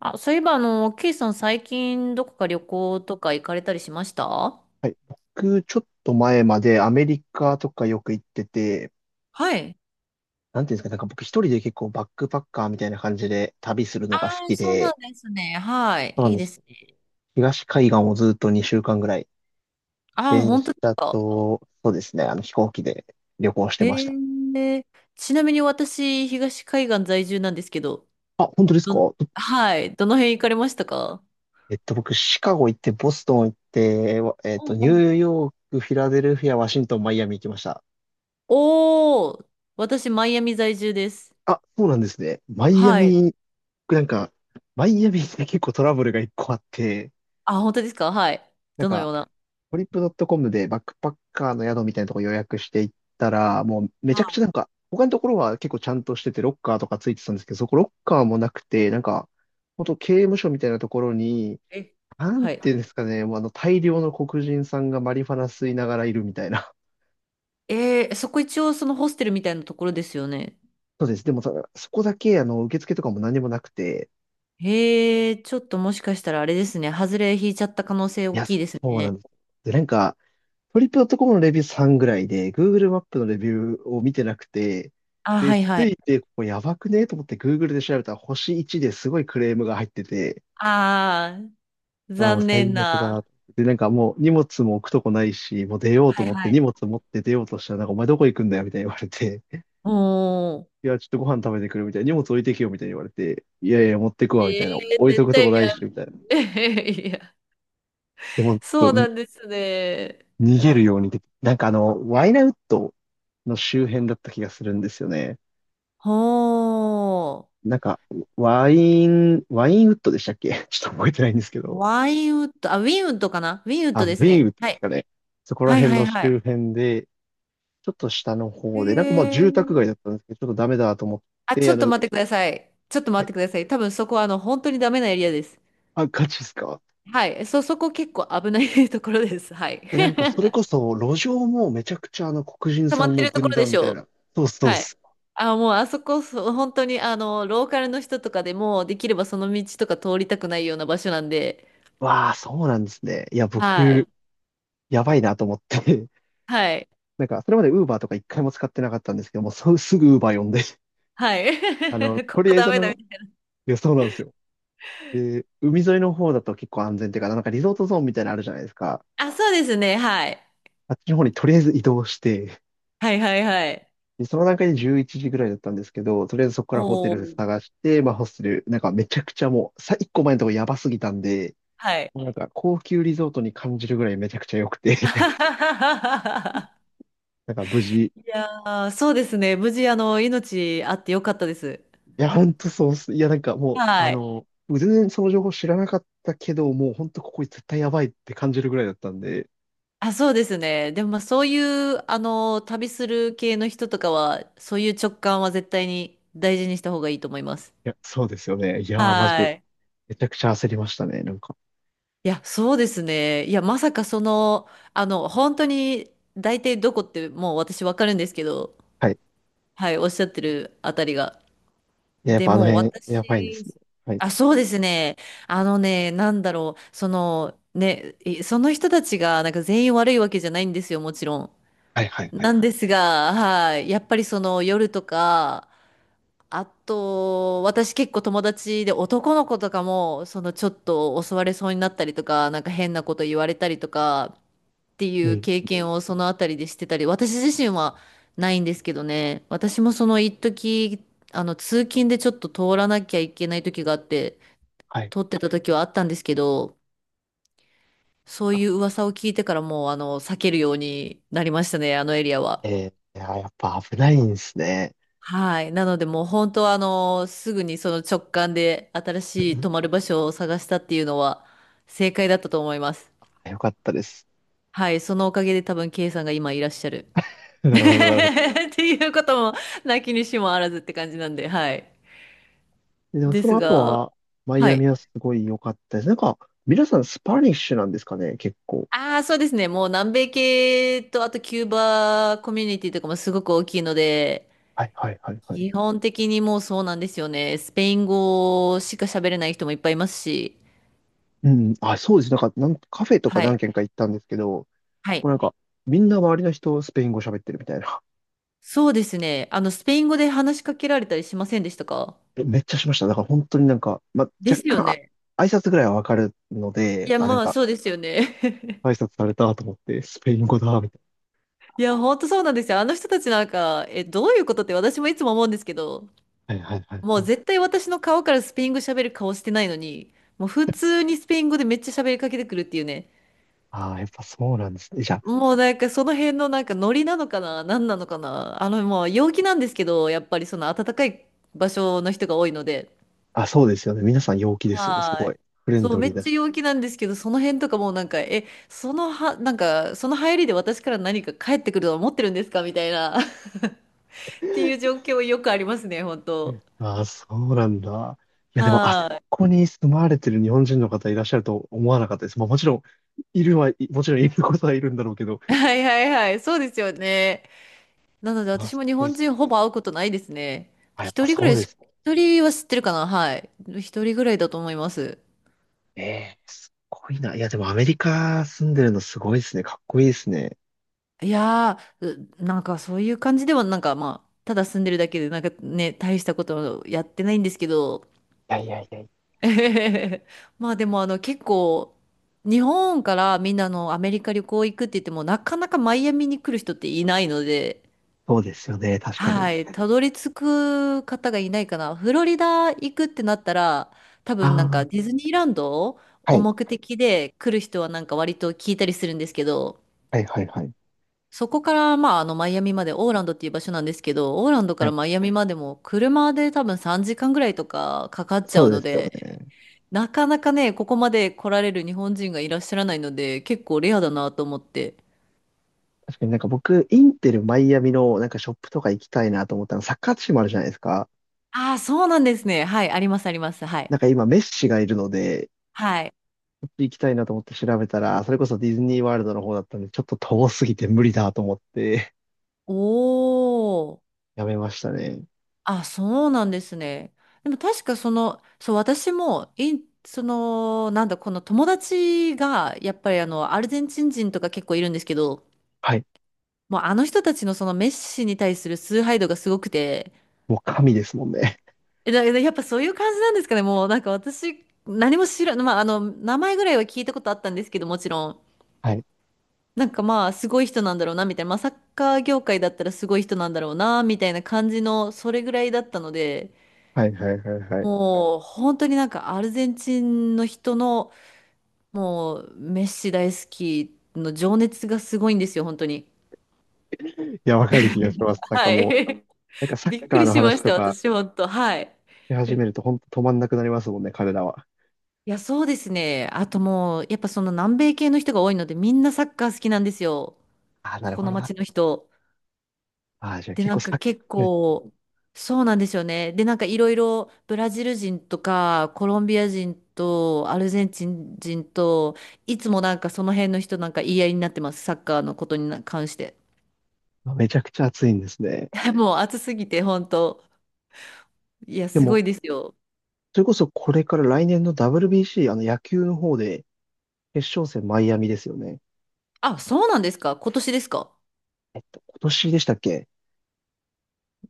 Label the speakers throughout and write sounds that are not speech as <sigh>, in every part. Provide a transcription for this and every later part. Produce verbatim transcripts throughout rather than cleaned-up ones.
Speaker 1: あ、そういえば、あの、ケイさん最近どこか旅行とか行かれたりしましたあ。
Speaker 2: はい。僕、ちょっと前までアメリカとかよく行ってて、
Speaker 1: はい。
Speaker 2: なんていうんですかね、なんか僕一人で結構バックパッカーみたいな感じで旅する
Speaker 1: あ
Speaker 2: のが好
Speaker 1: あ、
Speaker 2: き
Speaker 1: そうなん
Speaker 2: で、
Speaker 1: ですね。はい。
Speaker 2: そうな
Speaker 1: い
Speaker 2: ん
Speaker 1: い
Speaker 2: で
Speaker 1: で
Speaker 2: す
Speaker 1: す
Speaker 2: よ。
Speaker 1: ね。
Speaker 2: 東海岸をずっとにしゅうかんぐらい、
Speaker 1: ああ、
Speaker 2: 電
Speaker 1: 本
Speaker 2: 車
Speaker 1: 当ですか。
Speaker 2: と、そうですね、あの飛行機で旅行して
Speaker 1: へ
Speaker 2: ました。
Speaker 1: え。ちなみに私、東海岸在住なんですけど、
Speaker 2: あ、本当ですか？
Speaker 1: ど、はい、どの辺行かれましたか？
Speaker 2: えっと、僕、シカゴ行って、ボストン行って、わえっと、ニ
Speaker 1: うんうん。
Speaker 2: ューヨーク、フィラデルフィア、ワシントン、マイアミ行きました。
Speaker 1: おおー、私、マイアミ在住です。
Speaker 2: あ、そうなんですね。マイア
Speaker 1: はい。
Speaker 2: ミ、僕なんか、マイアミって結構トラブルが一個あって、
Speaker 1: あ、本当ですか？はい。
Speaker 2: なん
Speaker 1: どの
Speaker 2: か、
Speaker 1: ような？
Speaker 2: トリップドットコムでバックパッカーの宿みたいなとこ予約していったら、もうめ
Speaker 1: は
Speaker 2: ちゃくちゃ、
Speaker 1: い。
Speaker 2: なんか、他のところは結構ちゃんとしてて、ロッカーとかついてたんですけど、そこロッカーもなくて、なんか、本当刑務所みたいなところに、
Speaker 1: え、
Speaker 2: なん
Speaker 1: はい。
Speaker 2: ていうんですかね、もうあの大量の黒人さんがマリファナ吸いながらいるみたいな。
Speaker 1: えー、そこ一応そのホステルみたいなところですよね。
Speaker 2: <laughs> そうです。でもそそこだけ、あの、受付とかも何もなくて、
Speaker 1: へえ、ちょっともしかしたらあれですね。外れ引いちゃった可能性
Speaker 2: い
Speaker 1: 大
Speaker 2: や、
Speaker 1: き
Speaker 2: そ
Speaker 1: いです
Speaker 2: うな
Speaker 1: ね。
Speaker 2: んです。で、なんか、トリップドットコムのレビューさんぐらいで、Google マップのレビューを見てなくて、
Speaker 1: あ、
Speaker 2: で、
Speaker 1: はいは
Speaker 2: つ
Speaker 1: い。
Speaker 2: いて、ここやばくねと思って Google で調べたら星いちですごいクレームが入ってて、
Speaker 1: ああ、
Speaker 2: ああ、もう
Speaker 1: 残念
Speaker 2: 最悪
Speaker 1: な。
Speaker 2: だ。で、なんかもう荷物も置くとこないし、もう出ようと
Speaker 1: はい
Speaker 2: 思っ
Speaker 1: は
Speaker 2: て荷
Speaker 1: い。
Speaker 2: 物持って出ようとしたら、なんかお前どこ行くんだよみたいに言われて、<laughs>
Speaker 1: おー。
Speaker 2: いや、ちょっとご飯食べてくるみたいな、荷物置いてけよみたいに言われて、いやいや、持ってく
Speaker 1: え
Speaker 2: わみたいな、
Speaker 1: え、
Speaker 2: 置いと
Speaker 1: 絶
Speaker 2: くとこ
Speaker 1: 対
Speaker 2: な
Speaker 1: や
Speaker 2: いし、
Speaker 1: ん。
Speaker 2: みたいな。
Speaker 1: <laughs> いや、
Speaker 2: でも、ちょっ
Speaker 1: そうな
Speaker 2: と
Speaker 1: んですね。
Speaker 2: に逃げるように、で、なんかあの、ワイナウッドの周辺だった気がするんですよね。
Speaker 1: ほー。
Speaker 2: なんか、ワイン、ワインウッドでしたっけ？ <laughs> ちょっと覚えてないんですけど。
Speaker 1: ワインウッド、あ、ウィンウッドかな？ウィンウッ
Speaker 2: あ、
Speaker 1: ド
Speaker 2: ウィ
Speaker 1: ですね。
Speaker 2: ーンウッド
Speaker 1: は
Speaker 2: です
Speaker 1: い。
Speaker 2: かね。そこら
Speaker 1: はい
Speaker 2: 辺
Speaker 1: はい
Speaker 2: の
Speaker 1: はい。
Speaker 2: 周辺で、ちょっと下の
Speaker 1: へ
Speaker 2: 方で、なんかまあ住
Speaker 1: え。
Speaker 2: 宅街だったんですけど、ちょっとダメだと思っ
Speaker 1: あ、ち
Speaker 2: て、
Speaker 1: ょ
Speaker 2: あ
Speaker 1: っと
Speaker 2: の、
Speaker 1: 待ってください。ちょっと
Speaker 2: あ、
Speaker 1: 待ってください。多分そこはあの、本当にダメなエリアです。
Speaker 2: あガチですか？
Speaker 1: はい。そ、そこ結構危ない <laughs> ところです。はい。
Speaker 2: え、なんかそれこ
Speaker 1: <laughs>
Speaker 2: そ路上もめちゃくちゃあの黒人
Speaker 1: 溜
Speaker 2: さ
Speaker 1: まっ
Speaker 2: ん
Speaker 1: て
Speaker 2: の
Speaker 1: るとこ
Speaker 2: 軍
Speaker 1: ろで
Speaker 2: 団
Speaker 1: し
Speaker 2: みた
Speaker 1: ょ
Speaker 2: いな。
Speaker 1: う。
Speaker 2: そうっす、そうっ
Speaker 1: はい。
Speaker 2: す。
Speaker 1: あ、もうあそこ、そう本当にあの、ローカルの人とかでも、できればその道とか通りたくないような場所なんで、
Speaker 2: わあ、そうなんですね。いや、
Speaker 1: は
Speaker 2: 僕、
Speaker 1: い。
Speaker 2: やばいなと思って。<laughs>
Speaker 1: はい。
Speaker 2: なんか、それまでウーバーとか一回も使ってなかったんですけども、そうすぐウーバー呼んで、<laughs>
Speaker 1: はい。
Speaker 2: あの、
Speaker 1: <laughs> こ
Speaker 2: とり
Speaker 1: こ
Speaker 2: あえ
Speaker 1: ダ
Speaker 2: ずあ
Speaker 1: メ
Speaker 2: の、
Speaker 1: だ。
Speaker 2: いや、そうなんですよ。で、海沿いの方だと結構安全っていうか、なんかリゾートゾーンみたいなのあるじゃないですか。
Speaker 1: あ、そうですね。はい。
Speaker 2: あっちの方にとりあえず移動して、
Speaker 1: はいはいはい。
Speaker 2: で、その段階でじゅういちじぐらいだったんですけど、とりあえずそこからホテ
Speaker 1: お
Speaker 2: ル
Speaker 1: ー。
Speaker 2: 探して、まあホステル、なんかめちゃくちゃもう、さ、いっこまえのとこやばすぎたんで、
Speaker 1: はい。
Speaker 2: もうなんか高級リゾートに感じるぐらいめちゃくちゃ良くて、
Speaker 1: <laughs>
Speaker 2: <laughs> なんか無事。い
Speaker 1: いやー、そうですね。無事、あの、命あってよかったです。
Speaker 2: や、ほんとそうっす。いや、なんかもう、あ
Speaker 1: はい。
Speaker 2: の、全然その情報知らなかったけど、もうほんとここ絶対やばいって感じるぐらいだったんで、
Speaker 1: あ、そうですね。でも、まあ、そういう、あの、旅する系の人とかは、そういう直感は絶対に大事にした方がいいと思います。
Speaker 2: いや、そうですよね。いやー、マジ
Speaker 1: は
Speaker 2: で、
Speaker 1: い。
Speaker 2: めちゃくちゃ焦りましたね、なんか。
Speaker 1: いや、そうですね。いや、まさかその、あの、本当に、大体どこってもう私わかるんですけど、
Speaker 2: はい。
Speaker 1: はい、おっしゃってるあたりが。
Speaker 2: いや、やっ
Speaker 1: で、
Speaker 2: ぱあの
Speaker 1: もう
Speaker 2: 辺、やばいんですね。
Speaker 1: 私、
Speaker 2: はい。
Speaker 1: あ、そうですね。あのね、なんだろう、その、ね、いその人たちが、なんか全員悪いわけじゃないんですよ、もちろん。
Speaker 2: はいはいはい。
Speaker 1: なんですが、はい。やっぱりその夜とか、あと、私結構友達で男の子とかも、そのちょっと襲われそうになったりとか、なんか変なこと言われたりとかってい
Speaker 2: う
Speaker 1: う
Speaker 2: ん。
Speaker 1: 経験をそのあたりでしてたり、私自身はないんですけどね。私もその一時、あの通勤でちょっと通らなきゃいけない時があって、
Speaker 2: はい。
Speaker 1: 通ってた時はあったんですけど、そうい
Speaker 2: あ、
Speaker 1: う噂を聞いてからもうあの避けるようになりましたね、あのエリアは。
Speaker 2: えー、いや、やっぱ危ないんですね。
Speaker 1: はい。なので、もう本当はあの、すぐにその直感で新
Speaker 2: う
Speaker 1: しい
Speaker 2: ん。
Speaker 1: 泊まる場所を探したっていうのは正解だったと思います。
Speaker 2: あ、よかったです。
Speaker 1: はい。そのおかげで多分、K さんが今いらっしゃる。
Speaker 2: <laughs>
Speaker 1: <laughs>
Speaker 2: なるほど、なるほど。
Speaker 1: っていうことも、なきにしもあらずって感じなんで、はい。
Speaker 2: でも
Speaker 1: で
Speaker 2: その
Speaker 1: す
Speaker 2: 後
Speaker 1: が、
Speaker 2: は、マイ
Speaker 1: は
Speaker 2: ア
Speaker 1: い。
Speaker 2: ミはすごい良かったです。なんか、皆さんスパニッシュなんですかね、結構。
Speaker 1: ああ、そうですね。もう南米系と、あとキューバコミュニティとかもすごく大きいので、
Speaker 2: はい、はい、はい、はい。
Speaker 1: 基本的にもうそうなんですよね。スペイン語しか喋れない人もいっぱいいますし、
Speaker 2: うん。あ、そうです。なんか、なんカフェとか
Speaker 1: は
Speaker 2: 何
Speaker 1: い。
Speaker 2: 軒か行ったんですけど、も
Speaker 1: はい、
Speaker 2: うなんか、みんな周りの人スペイン語喋ってるみたいな。
Speaker 1: そうですね。あの、スペイン語で話しかけられたりしませんでしたか？
Speaker 2: え、めっちゃしました。だから本当に、なんか、ま、
Speaker 1: で
Speaker 2: 若
Speaker 1: すよ
Speaker 2: 干、あ
Speaker 1: ね。
Speaker 2: 挨拶ぐらいはわかるの
Speaker 1: い
Speaker 2: で、
Speaker 1: や、
Speaker 2: あ、なん
Speaker 1: まあ、
Speaker 2: か、
Speaker 1: そうですよね。
Speaker 2: 挨拶されたと思って、スペイン語だ、みたい
Speaker 1: <laughs> いや、ほんとそうなんですよ。あの人たちなんか、え、どういうことって私もいつも思うんですけど、
Speaker 2: な。はいはいはい
Speaker 1: もう
Speaker 2: はい。
Speaker 1: 絶対私の顔からスペイン語喋る顔してないのに、もう普通にスペイン語でめっちゃ喋りかけてくるっていうね。
Speaker 2: ああ、やっぱそうなんですね。じゃ
Speaker 1: もうなんかその辺のなんかノリなのかな、何なのかな。あの、もう陽気なんですけど、やっぱりその暖かい場所の人が多いので。
Speaker 2: あ、あ、そうですよね。皆さん陽気ですよね。す
Speaker 1: は
Speaker 2: ごい。
Speaker 1: い。
Speaker 2: フレン
Speaker 1: そう、
Speaker 2: ド
Speaker 1: め
Speaker 2: リー
Speaker 1: っ
Speaker 2: だ
Speaker 1: ちゃ
Speaker 2: し。
Speaker 1: 陽気なんですけど、その辺とかもうなんか、え、そのは、なんか、その入りで私から何か返ってくると思ってるんですかみたいな、<laughs> っていう状況よくありますね、本当。
Speaker 2: ああ、そうなんだ。いや、でも、あそ
Speaker 1: は
Speaker 2: こに住まわれてる日本人の方いらっしゃると思わなかったです。まあ、もちろん、いるは、いもちろんいることはいるんだろうけど、
Speaker 1: い。はいはいはい。そうですよね。なので
Speaker 2: まあ、
Speaker 1: 私
Speaker 2: す
Speaker 1: も日
Speaker 2: ごい。
Speaker 1: 本人ほぼ会うことないですね。
Speaker 2: あ、やっ
Speaker 1: 一
Speaker 2: ぱ
Speaker 1: 人ぐ
Speaker 2: そ
Speaker 1: ら
Speaker 2: う
Speaker 1: い
Speaker 2: で
Speaker 1: し、
Speaker 2: す。
Speaker 1: 一人は知ってるかな、はい。一人ぐらいだと思います。
Speaker 2: ええ、すごいな。いや、でもアメリカ住んでるのすごいですね。かっこいいですね。
Speaker 1: いやー、う、なんかそういう感じでは、なんかまあ、ただ住んでるだけで、なんかね、大したことやってないんですけど、
Speaker 2: いやいやいや。
Speaker 1: <laughs> えへへへ。まあでもあの結構日本からみんなあのアメリカ旅行行くって言ってもなかなかマイアミに来る人っていないので、
Speaker 2: そうですよね。確かに。
Speaker 1: はい、たどり着く方がいないかな。フロリダ行くってなったら多分なんか
Speaker 2: あ
Speaker 1: ディズニーランド
Speaker 2: あ、は
Speaker 1: を
Speaker 2: い。
Speaker 1: 目的で来る人はなんか割と聞いたりするんですけど、
Speaker 2: はいはいはい。
Speaker 1: そこからまああのマイアミまで、オーランドっていう場所なんですけど、オーランドか
Speaker 2: は
Speaker 1: ら
Speaker 2: い。
Speaker 1: マイアミまでも車で多分さんじかんぐらいとかかかっち
Speaker 2: そ
Speaker 1: ゃう
Speaker 2: うで
Speaker 1: の
Speaker 2: すよ
Speaker 1: で、
Speaker 2: ね。
Speaker 1: なかなかね、ここまで来られる日本人がいらっしゃらないので、結構レアだなと思って。
Speaker 2: 確かになんか僕、インテルマイアミのなんかショップとか行きたいなと思ったの、サッカーチームあるじゃないですか。
Speaker 1: ああ、そうなんですね。はい、あります、あります。はい。
Speaker 2: なんか今メッシがいるので、
Speaker 1: はい。
Speaker 2: ちょっと行きたいなと思って調べたら、それこそディズニーワールドの方だったんで、ちょっと遠すぎて無理だと思って、
Speaker 1: おー。
Speaker 2: やめましたね。
Speaker 1: あ、そうなんですね。でも確かその、そう、私も、インその、なんだ、この友達が、やっぱりあの、アルゼンチン人とか結構いるんですけど、
Speaker 2: はい。
Speaker 1: もうあの人たちのそのメッシに対する崇拝度がすごくて、
Speaker 2: もう神ですもんね。
Speaker 1: え、だ、<laughs> だやっぱそういう感じなんですかね。もうなんか私、何も知らん、まあ、あの、名前ぐらいは聞いたことあったんですけど、もちろん。
Speaker 2: はい。
Speaker 1: なんかまあ、すごい人なんだろうな、みたいな。まあ、サッカー業界だったらすごい人なんだろうな、みたいな感じの、それぐらいだったので、
Speaker 2: はいはいはいはい。
Speaker 1: もう、本当になんかアルゼンチンの人の、もう、メッシ大好きの情熱がすごいんですよ、本当に。
Speaker 2: いや、わかる気がします。なんか
Speaker 1: は
Speaker 2: もう、
Speaker 1: い。
Speaker 2: なんか
Speaker 1: <laughs>
Speaker 2: サッ
Speaker 1: びっく
Speaker 2: カー
Speaker 1: り
Speaker 2: の
Speaker 1: しま
Speaker 2: 話
Speaker 1: し
Speaker 2: と
Speaker 1: た、
Speaker 2: か
Speaker 1: 私、本当。はい。
Speaker 2: し始めると本当止まんなくなりますもんね、彼らは。
Speaker 1: いや、そうですね。あともう、やっぱその南米系の人が多いので、みんなサッカー好きなんですよ。
Speaker 2: ああ、な
Speaker 1: こ
Speaker 2: る
Speaker 1: こ
Speaker 2: ほ
Speaker 1: の
Speaker 2: どなる
Speaker 1: 街の
Speaker 2: ほど。
Speaker 1: 人。
Speaker 2: ああ、じゃあ
Speaker 1: で、
Speaker 2: 結
Speaker 1: な
Speaker 2: 構
Speaker 1: んか
Speaker 2: サッカ
Speaker 1: 結
Speaker 2: ー熱、
Speaker 1: 構、そうなんですよね。で、なんかいろいろブラジル人とか、コロンビア人と、アルゼンチン人と、いつもなんかその辺の人なんか言い合いになってます。サッカーのことに関して。
Speaker 2: めちゃくちゃ熱いんですね。
Speaker 1: <laughs> もう暑すぎて、本当。いや、
Speaker 2: で
Speaker 1: すご
Speaker 2: も
Speaker 1: いですよ。
Speaker 2: それこそこれから来年の ダブリュービーシー、あの野球の方で決勝戦マイアミですよね。
Speaker 1: あ、そうなんですか？今年ですか？
Speaker 2: えっと、今年でしたっけ？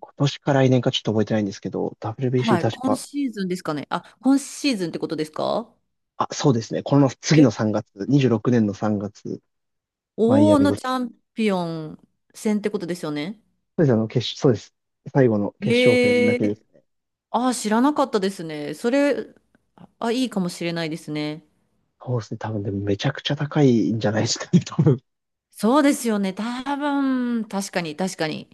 Speaker 2: 今年か来年かちょっと覚えてないんですけど、ダブリュービーシー
Speaker 1: はい。
Speaker 2: 確
Speaker 1: 今
Speaker 2: か、
Speaker 1: シーズンですかね。あ、今シーズンってことですか？
Speaker 2: あ、そうですね。この次の
Speaker 1: え、
Speaker 2: さんがつ、にじゅうろくねんのさんがつ、マイア
Speaker 1: 大
Speaker 2: ミ
Speaker 1: の
Speaker 2: で
Speaker 1: チ
Speaker 2: す。
Speaker 1: ャンピオン戦ってことですよね。
Speaker 2: そうですね、あの、決勝、そうです。最後の決勝戦
Speaker 1: へ
Speaker 2: だけです
Speaker 1: え。
Speaker 2: ね。
Speaker 1: ああ、知らなかったですね。それ、あ、いいかもしれないですね。
Speaker 2: そうですね。多分でもめちゃくちゃ高いんじゃないですかね、多分。
Speaker 1: そうですよね。多分、確かに、確かに。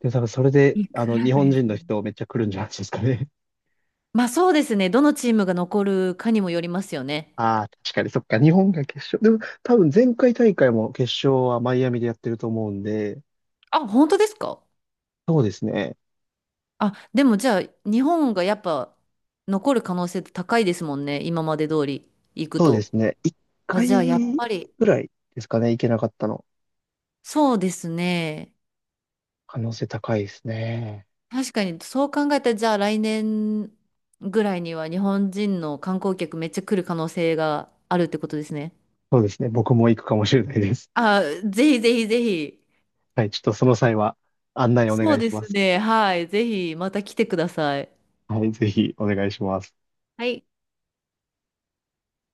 Speaker 2: で、多分それで、
Speaker 1: い
Speaker 2: あ
Speaker 1: く
Speaker 2: の、
Speaker 1: ら
Speaker 2: 日
Speaker 1: ぐらい
Speaker 2: 本
Speaker 1: です
Speaker 2: 人の
Speaker 1: か？
Speaker 2: 人めっちゃ来るんじゃないですかね。
Speaker 1: まあそうですね。どのチームが残るかにもよりますよね。
Speaker 2: ああ、確かに、そっか、日本が決勝。でも、多分前回大会も決勝はマイアミでやってると思うんで、
Speaker 1: あ、本当ですか？
Speaker 2: そうですね。
Speaker 1: あ、でもじゃあ、日本がやっぱ残る可能性高いですもんね。今まで通り行く
Speaker 2: そうで
Speaker 1: と。
Speaker 2: すね。一
Speaker 1: あ、
Speaker 2: 回
Speaker 1: じゃあ、やっぱり、
Speaker 2: ぐらいですかね、行けなかったの。
Speaker 1: そうですね。
Speaker 2: 可能性高いですね。
Speaker 1: 確かに、そう考えたら、じゃあ来年ぐらいには日本人の観光客めっちゃ来る可能性があるってことですね。
Speaker 2: そうですね。僕も行くかもしれないです。
Speaker 1: あ、ぜひぜひぜひ。
Speaker 2: はい、ちょっとその際は案内お
Speaker 1: そ
Speaker 2: 願
Speaker 1: う
Speaker 2: い
Speaker 1: で
Speaker 2: しま
Speaker 1: す
Speaker 2: す。
Speaker 1: ね。はい。ぜひまた来てください。
Speaker 2: はい、ぜひお願いします。
Speaker 1: はい。